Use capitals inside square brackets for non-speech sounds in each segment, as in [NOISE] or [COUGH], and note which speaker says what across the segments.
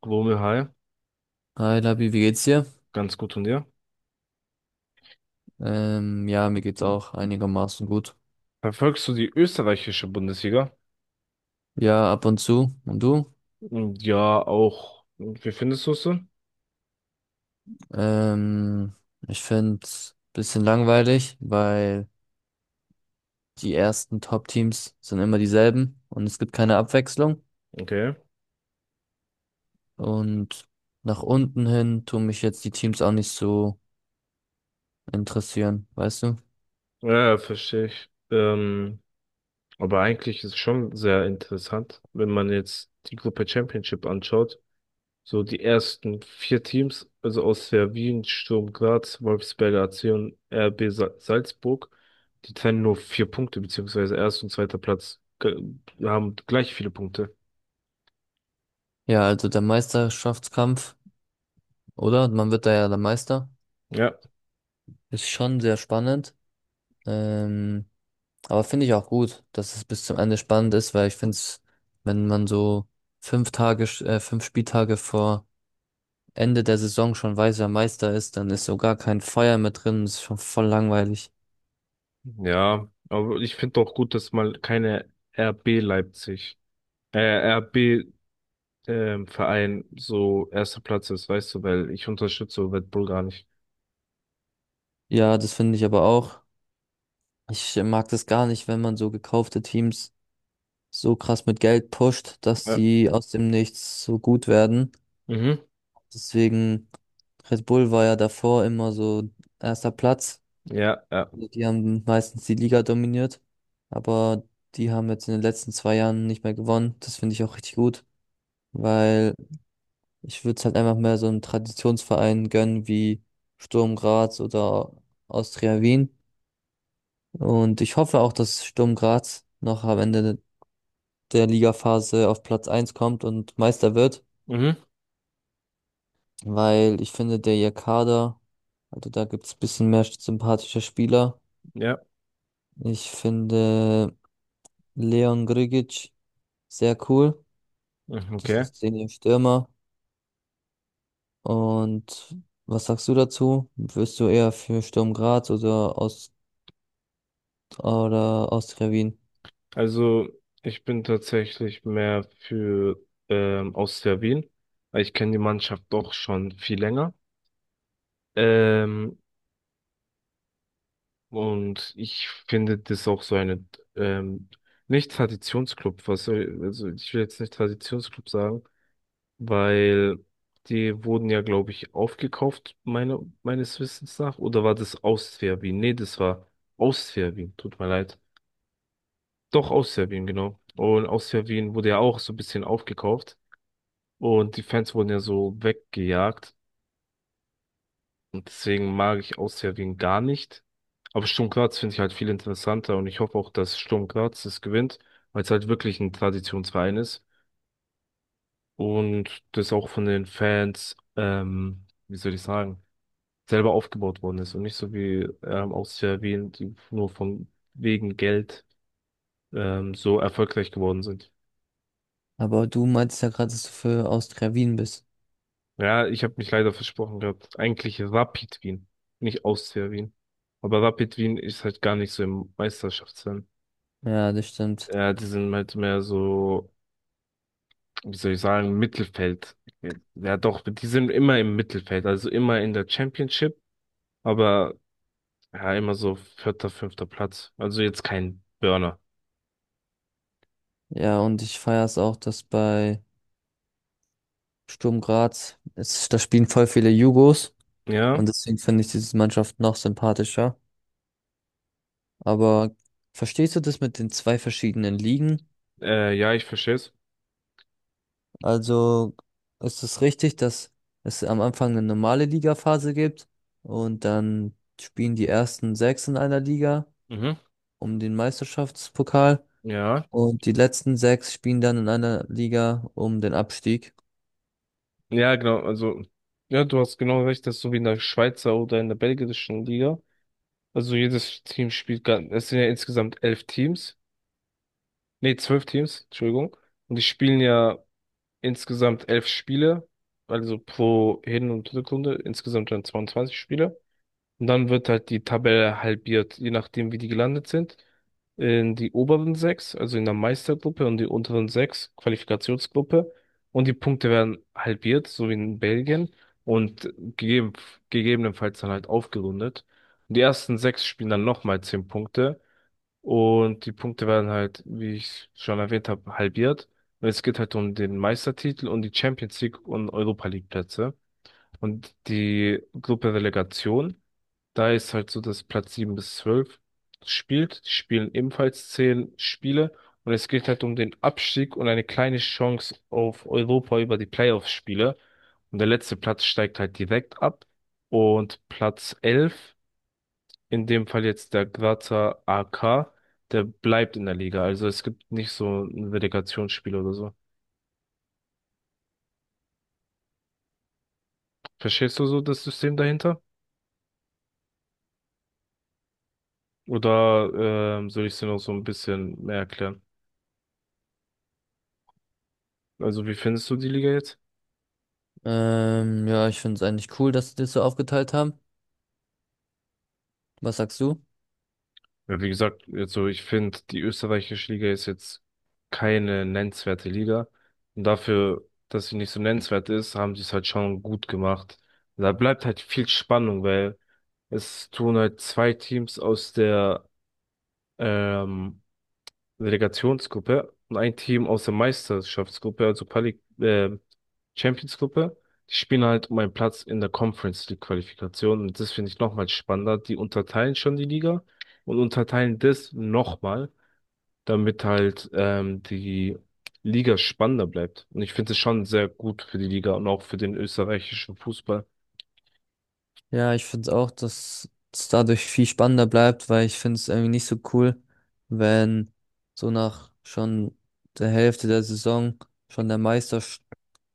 Speaker 1: Global High,
Speaker 2: Hi Labi, wie geht's dir?
Speaker 1: ganz gut und dir.
Speaker 2: Ja, mir geht's auch einigermaßen gut.
Speaker 1: Verfolgst du die österreichische Bundesliga?
Speaker 2: Ja, ab und zu. Und du?
Speaker 1: Mm, ja, auch. Wie findest du es so?
Speaker 2: Ähm, ich find's bisschen langweilig, weil die ersten Top-Teams sind immer dieselben und es gibt keine Abwechslung.
Speaker 1: Okay.
Speaker 2: Und nach unten hin tun mich jetzt die Teams auch nicht so interessieren, weißt du?
Speaker 1: Ja, ja, verstehe ich. Aber eigentlich ist es schon sehr interessant, wenn man jetzt die Gruppe Championship anschaut. So die ersten vier Teams, also aus der Wien, Sturm Graz, Wolfsberger AC und Salzburg, die trennen nur vier Punkte, beziehungsweise erster und zweiter Platz haben gleich viele Punkte.
Speaker 2: Ja, also der Meisterschaftskampf, oder? Man wird da ja der Meister.
Speaker 1: Ja.
Speaker 2: Ist schon sehr spannend. Ähm, Aber finde ich auch gut, dass es bis zum Ende spannend ist, weil ich finde es, wenn man so 5 Tage, 5 Spieltage vor Ende der Saison schon weiß, wer Meister ist, dann ist so gar kein Feuer mehr drin. Das ist schon voll langweilig.
Speaker 1: Ja, aber ich finde auch gut, dass mal keine RB Leipzig, äh, RB ähm, Verein so erster Platz ist, weißt du, weil ich unterstütze Red Bull gar nicht.
Speaker 2: Ja, das finde ich aber auch. Ich mag das gar nicht, wenn man so gekaufte Teams so krass mit Geld pusht, dass
Speaker 1: Ja.
Speaker 2: sie aus dem Nichts so gut werden.
Speaker 1: Mhm.
Speaker 2: Deswegen, Red Bull war ja davor immer so erster Platz.
Speaker 1: Ja, ja.
Speaker 2: Also die haben meistens die Liga dominiert, aber die haben jetzt in den letzten 2 Jahren nicht mehr gewonnen. Das finde ich auch richtig gut, weil ich würde es halt einfach mehr so einem Traditionsverein gönnen wie Sturm Graz oder Austria Wien. Und ich hoffe auch, dass Sturm Graz noch am Ende der Ligaphase auf Platz eins kommt und Meister wird,
Speaker 1: Mhm.
Speaker 2: weil ich finde, der ihr Kader, also da gibt es ein bisschen mehr sympathische Spieler.
Speaker 1: Ja.
Speaker 2: Ich finde Leon Grigic sehr cool.
Speaker 1: Mhm,
Speaker 2: Das
Speaker 1: okay.
Speaker 2: ist Daniel Stürmer. Und was sagst du dazu? Wirst du eher für Sturm Graz oder Austria Wien?
Speaker 1: Also ich bin tatsächlich mehr für Austria Wien, weil ich kenne die Mannschaft doch schon viel länger. Ähm, Und ich finde das auch so eine, ähm, nicht Traditionsclub, was soll, also ich will jetzt nicht Traditionsclub sagen, weil die wurden ja, glaube ich, aufgekauft, meines Wissens nach, oder war das aus Serbien? Nee, das war aus Serbien, tut mir leid. Doch, aus Serbien, genau. Und aus Serbien wurde ja auch so ein bisschen aufgekauft und die Fans wurden ja so weggejagt. Und deswegen mag ich Austria-Wien gar nicht. Aber Sturm Graz finde ich halt viel interessanter und ich hoffe auch, dass Sturm Graz das gewinnt, weil es halt wirklich ein Traditionsverein ist und das auch von den Fans, wie soll ich sagen, selber aufgebaut worden ist und nicht so wie Austria Wien, die nur von wegen Geld so erfolgreich geworden sind.
Speaker 2: Aber du meintest ja gerade, dass du für Austria Wien bist.
Speaker 1: Ja, ich habe mich leider versprochen gehabt. Eigentlich Rapid Wien, nicht Austria Wien. Aber Rapid Wien ist halt gar nicht so im Meisterschaftsrennen.
Speaker 2: Ja, das stimmt.
Speaker 1: Ja, die sind halt mehr so, wie soll ich sagen, Mittelfeld. Ja, doch, die sind immer im Mittelfeld, also immer in der Championship, aber ja, immer so vierter, fünfter Platz. Also jetzt kein Burner.
Speaker 2: Ja, und ich feiere es auch, dass bei Sturm Graz, da spielen voll viele Jugos
Speaker 1: Ja,
Speaker 2: und deswegen finde ich diese Mannschaft noch sympathischer. Aber verstehst du das mit den zwei verschiedenen Ligen?
Speaker 1: ja, ich verstehe es.
Speaker 2: Also ist es richtig, dass es am Anfang eine normale Ligaphase gibt und dann spielen die ersten sechs in einer Liga
Speaker 1: Mhm.
Speaker 2: um den Meisterschaftspokal
Speaker 1: Ja,
Speaker 2: und die letzten sechs spielen dann in einer Liga um den Abstieg.
Speaker 1: ja, genau. Also, ja, du hast genau recht, das ist so wie in der Schweizer oder in der belgischen Liga. Also jedes Team spielt, es sind ja insgesamt elf Teams, nee, zwölf Teams, Entschuldigung. Und die spielen ja insgesamt elf Spiele, also pro Hin- und Rückrunde insgesamt dann 22 Spiele. Und dann wird halt die Tabelle halbiert, je nachdem, wie die gelandet sind. In die oberen sechs, also in der Meistergruppe und die unteren sechs, Qualifikationsgruppe. Und die Punkte werden halbiert, so wie in Belgien. Und gegeben, gegebenenfalls dann halt aufgerundet. Und die ersten sechs spielen dann nochmal zehn Punkte. Und die Punkte werden halt, wie ich schon erwähnt habe, halbiert. Und es geht halt um den Meistertitel und die Champions League und Europa League Plätze. Und die Gruppe Relegation, da ist halt so, dass Platz 7 bis 12 spielt. Die spielen ebenfalls 10 Spiele. Und es geht halt um den Abstieg und eine kleine Chance auf Europa über die Playoff-Spiele. Und der letzte Platz steigt halt direkt ab. Und Platz 11 in dem Fall jetzt der Grazer AK, der bleibt in der Liga. Also es gibt nicht so ein Relegationsspiel oder so. Verstehst du so das System dahinter? Oder soll ich es dir noch so ein bisschen mehr erklären? Also wie findest du die Liga jetzt?
Speaker 2: Ja, ich finde es eigentlich cool, dass sie das so aufgeteilt haben. Was sagst du?
Speaker 1: Ja, wie gesagt, also ich finde, die österreichische Liga ist jetzt keine nennenswerte Liga. Und dafür, dass sie nicht so nennenswert ist, haben sie es halt schon gut gemacht. Da bleibt halt viel Spannung, weil es tun halt zwei Teams aus der ähm, Relegationsgruppe und ein Team aus der Meisterschaftsgruppe, also Quali Champions-Gruppe. Die spielen halt um einen Platz in der Conference League Qualifikation und das finde ich nochmal spannender. Die unterteilen schon die Liga und unterteilen das nochmal, damit halt die Liga spannender bleibt. Und ich finde es schon sehr gut für die Liga und auch für den österreichischen Fußball.
Speaker 2: Ja, ich finde es auch, dass es dadurch viel spannender bleibt, weil ich finde es irgendwie nicht so cool, wenn so nach schon der Hälfte der Saison schon der Meister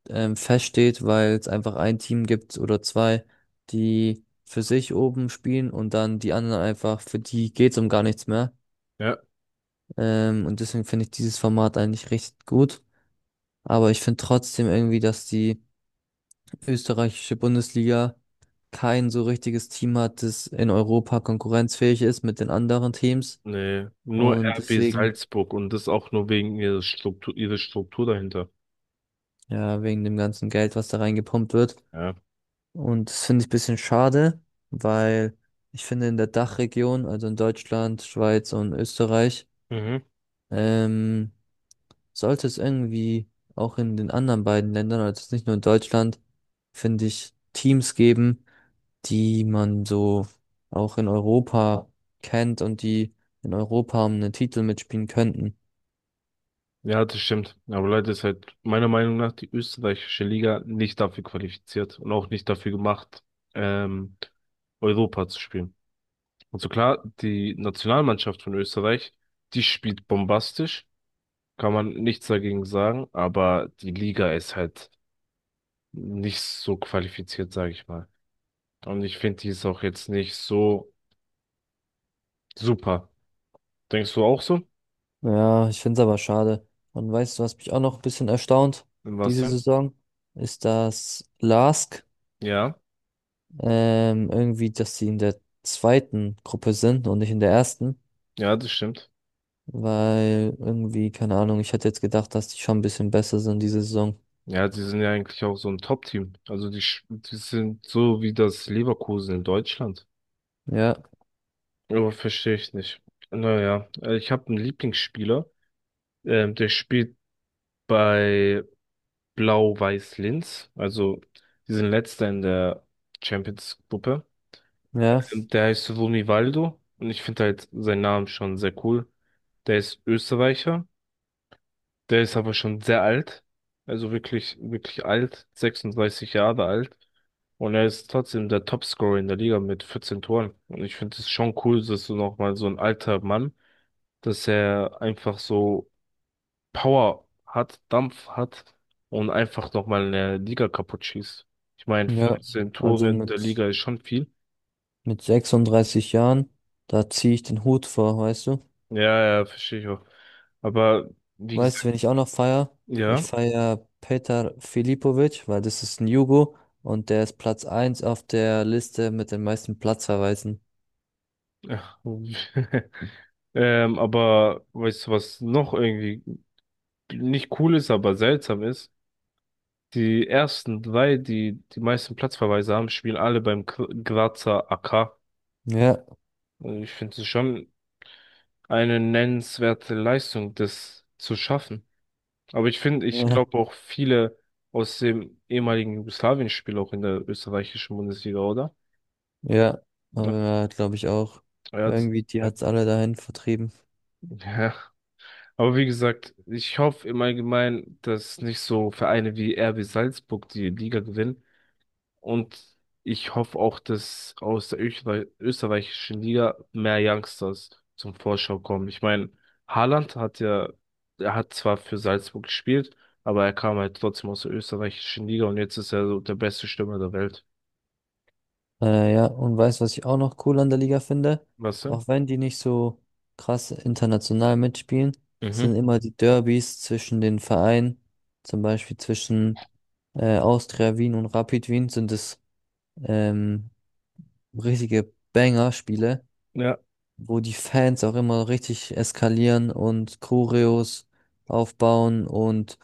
Speaker 2: feststeht, weil es einfach ein Team gibt oder zwei, die für sich oben spielen und dann die anderen einfach, für die geht's um gar nichts mehr.
Speaker 1: Ja.
Speaker 2: Und deswegen finde ich dieses Format eigentlich richtig gut. Aber ich finde trotzdem irgendwie, dass die österreichische Bundesliga kein so richtiges Team hat, das in Europa konkurrenzfähig ist mit den anderen Teams.
Speaker 1: Nee, nur
Speaker 2: Und
Speaker 1: RB
Speaker 2: deswegen,
Speaker 1: Salzburg und das auch nur wegen ihrer ihrer Struktur dahinter.
Speaker 2: ja, wegen dem ganzen Geld, was da reingepumpt wird.
Speaker 1: Ja.
Speaker 2: Und das finde ich ein bisschen schade, weil ich finde in der Dachregion, also in Deutschland, Schweiz und Österreich,
Speaker 1: Mhm.
Speaker 2: ähm, sollte es irgendwie auch in den anderen beiden Ländern, also jetzt nicht nur in Deutschland, finde ich, Teams geben, die man so auch in Europa kennt und die in Europa um einen Titel mitspielen könnten.
Speaker 1: Ja, das stimmt. Aber Leute ist halt meiner Meinung nach die österreichische Liga nicht dafür qualifiziert und auch nicht dafür gemacht, ähm, Europa zu spielen. Und so klar, die Nationalmannschaft von Österreich, die spielt bombastisch, kann man nichts dagegen sagen, aber die Liga ist halt nicht so qualifiziert, sage ich mal. Und ich finde, die ist auch jetzt nicht so super. Denkst du auch so?
Speaker 2: Ja, ich finde es aber schade. Und weißt du, was mich auch noch ein bisschen erstaunt
Speaker 1: Was
Speaker 2: diese
Speaker 1: denn?
Speaker 2: Saison, ist, dass LASK
Speaker 1: Ja,
Speaker 2: irgendwie, dass sie in der zweiten Gruppe sind und nicht in der ersten,
Speaker 1: ja, das stimmt.
Speaker 2: weil irgendwie, keine Ahnung, ich hätte jetzt gedacht, dass die schon ein bisschen besser sind diese Saison.
Speaker 1: Ja, die sind ja eigentlich auch so ein Top-Team. Also die sind so wie das Leverkusen in Deutschland.
Speaker 2: Ja,
Speaker 1: Aber verstehe ich nicht. Naja, ich habe einen Lieblingsspieler, der spielt bei Blau-Weiß Linz. Also die sind letzter in der Champions-Gruppe.
Speaker 2: ja,
Speaker 1: Der heißt Vunivaldo und ich finde halt seinen Namen schon sehr cool. Der ist Österreicher. Der ist aber schon sehr alt. Also wirklich, wirklich alt. 36 Jahre alt. Und er ist trotzdem der Topscorer in der Liga mit 14 Toren. Und ich finde es schon cool, dass du nochmal so ein alter Mann, dass er einfach so Power hat, Dampf hat und einfach nochmal eine Liga kaputt schießt. Ich meine,
Speaker 2: ja.
Speaker 1: 14
Speaker 2: Also
Speaker 1: Tore in der Liga
Speaker 2: mit,
Speaker 1: ist schon viel.
Speaker 2: mit 36 Jahren, da ziehe ich den Hut vor, weißt du?
Speaker 1: Ja, ja, verstehe ich auch. Aber wie
Speaker 2: Weißt du,
Speaker 1: gesagt,
Speaker 2: wen ich auch noch feier? Ich
Speaker 1: ja.
Speaker 2: feier Petar Filipovic, weil das ist ein Jugo und der ist Platz eins auf der Liste mit den meisten Platzverweisen.
Speaker 1: [LAUGHS] Aber weißt du, was noch irgendwie nicht cool ist, aber seltsam ist. Die ersten drei, die die meisten Platzverweise haben, spielen alle beim Grazer AK.
Speaker 2: Ja.
Speaker 1: Und ich finde es schon eine nennenswerte Leistung, das zu schaffen. Aber ich finde, ich glaube
Speaker 2: [LAUGHS]
Speaker 1: auch viele aus dem ehemaligen Jugoslawien spielen auch in der österreichischen Bundesliga, oder?
Speaker 2: Ja,
Speaker 1: Ja,
Speaker 2: aber glaube ich auch.
Speaker 1: ja,
Speaker 2: Irgendwie, die
Speaker 1: äh,
Speaker 2: hat's alle dahin vertrieben.
Speaker 1: ja. Aber wie gesagt, ich hoffe im Allgemeinen, dass nicht so Vereine wie RB Salzburg die Liga gewinnen, und ich hoffe auch, dass aus der österreichischen Liga mehr Youngsters zum Vorschau kommen. Ich meine, Haaland hat ja, er hat zwar für Salzburg gespielt, aber er kam halt trotzdem aus der österreichischen Liga und jetzt ist er so der beste Stürmer der Welt.
Speaker 2: Ja, und weißt, was ich auch noch cool an der Liga finde?
Speaker 1: Weißt du?
Speaker 2: Auch wenn die nicht so krass international mitspielen,
Speaker 1: Mhm.
Speaker 2: sind immer die Derbys zwischen den Vereinen, zum Beispiel zwischen Austria Wien und Rapid Wien, sind es ähm, richtige Banger-Spiele,
Speaker 1: Ja,
Speaker 2: wo die Fans auch immer richtig eskalieren und Choreos aufbauen und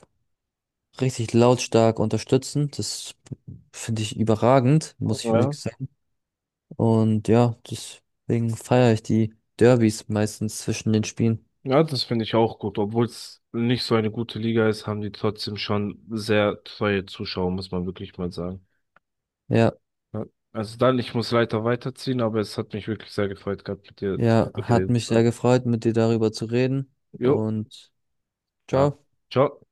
Speaker 2: richtig lautstark unterstützen. Das finde ich überragend, muss ich
Speaker 1: ja.
Speaker 2: wirklich sagen. Und ja, deswegen feiere ich die Derbys meistens zwischen den Spielen.
Speaker 1: Ja, das finde ich auch gut. Obwohl es nicht so eine gute Liga ist, haben die trotzdem schon sehr treue Zuschauer, muss man wirklich mal sagen.
Speaker 2: Ja,
Speaker 1: Ja. Also dann, ich muss leider weiterziehen, aber es hat mich wirklich sehr gefreut gehabt, mit dir
Speaker 2: ja,
Speaker 1: darüber
Speaker 2: hat
Speaker 1: geredet
Speaker 2: mich
Speaker 1: zu
Speaker 2: sehr
Speaker 1: haben.
Speaker 2: gefreut, mit dir darüber zu reden.
Speaker 1: Jo,
Speaker 2: Und
Speaker 1: ja.
Speaker 2: ciao.
Speaker 1: Ciao.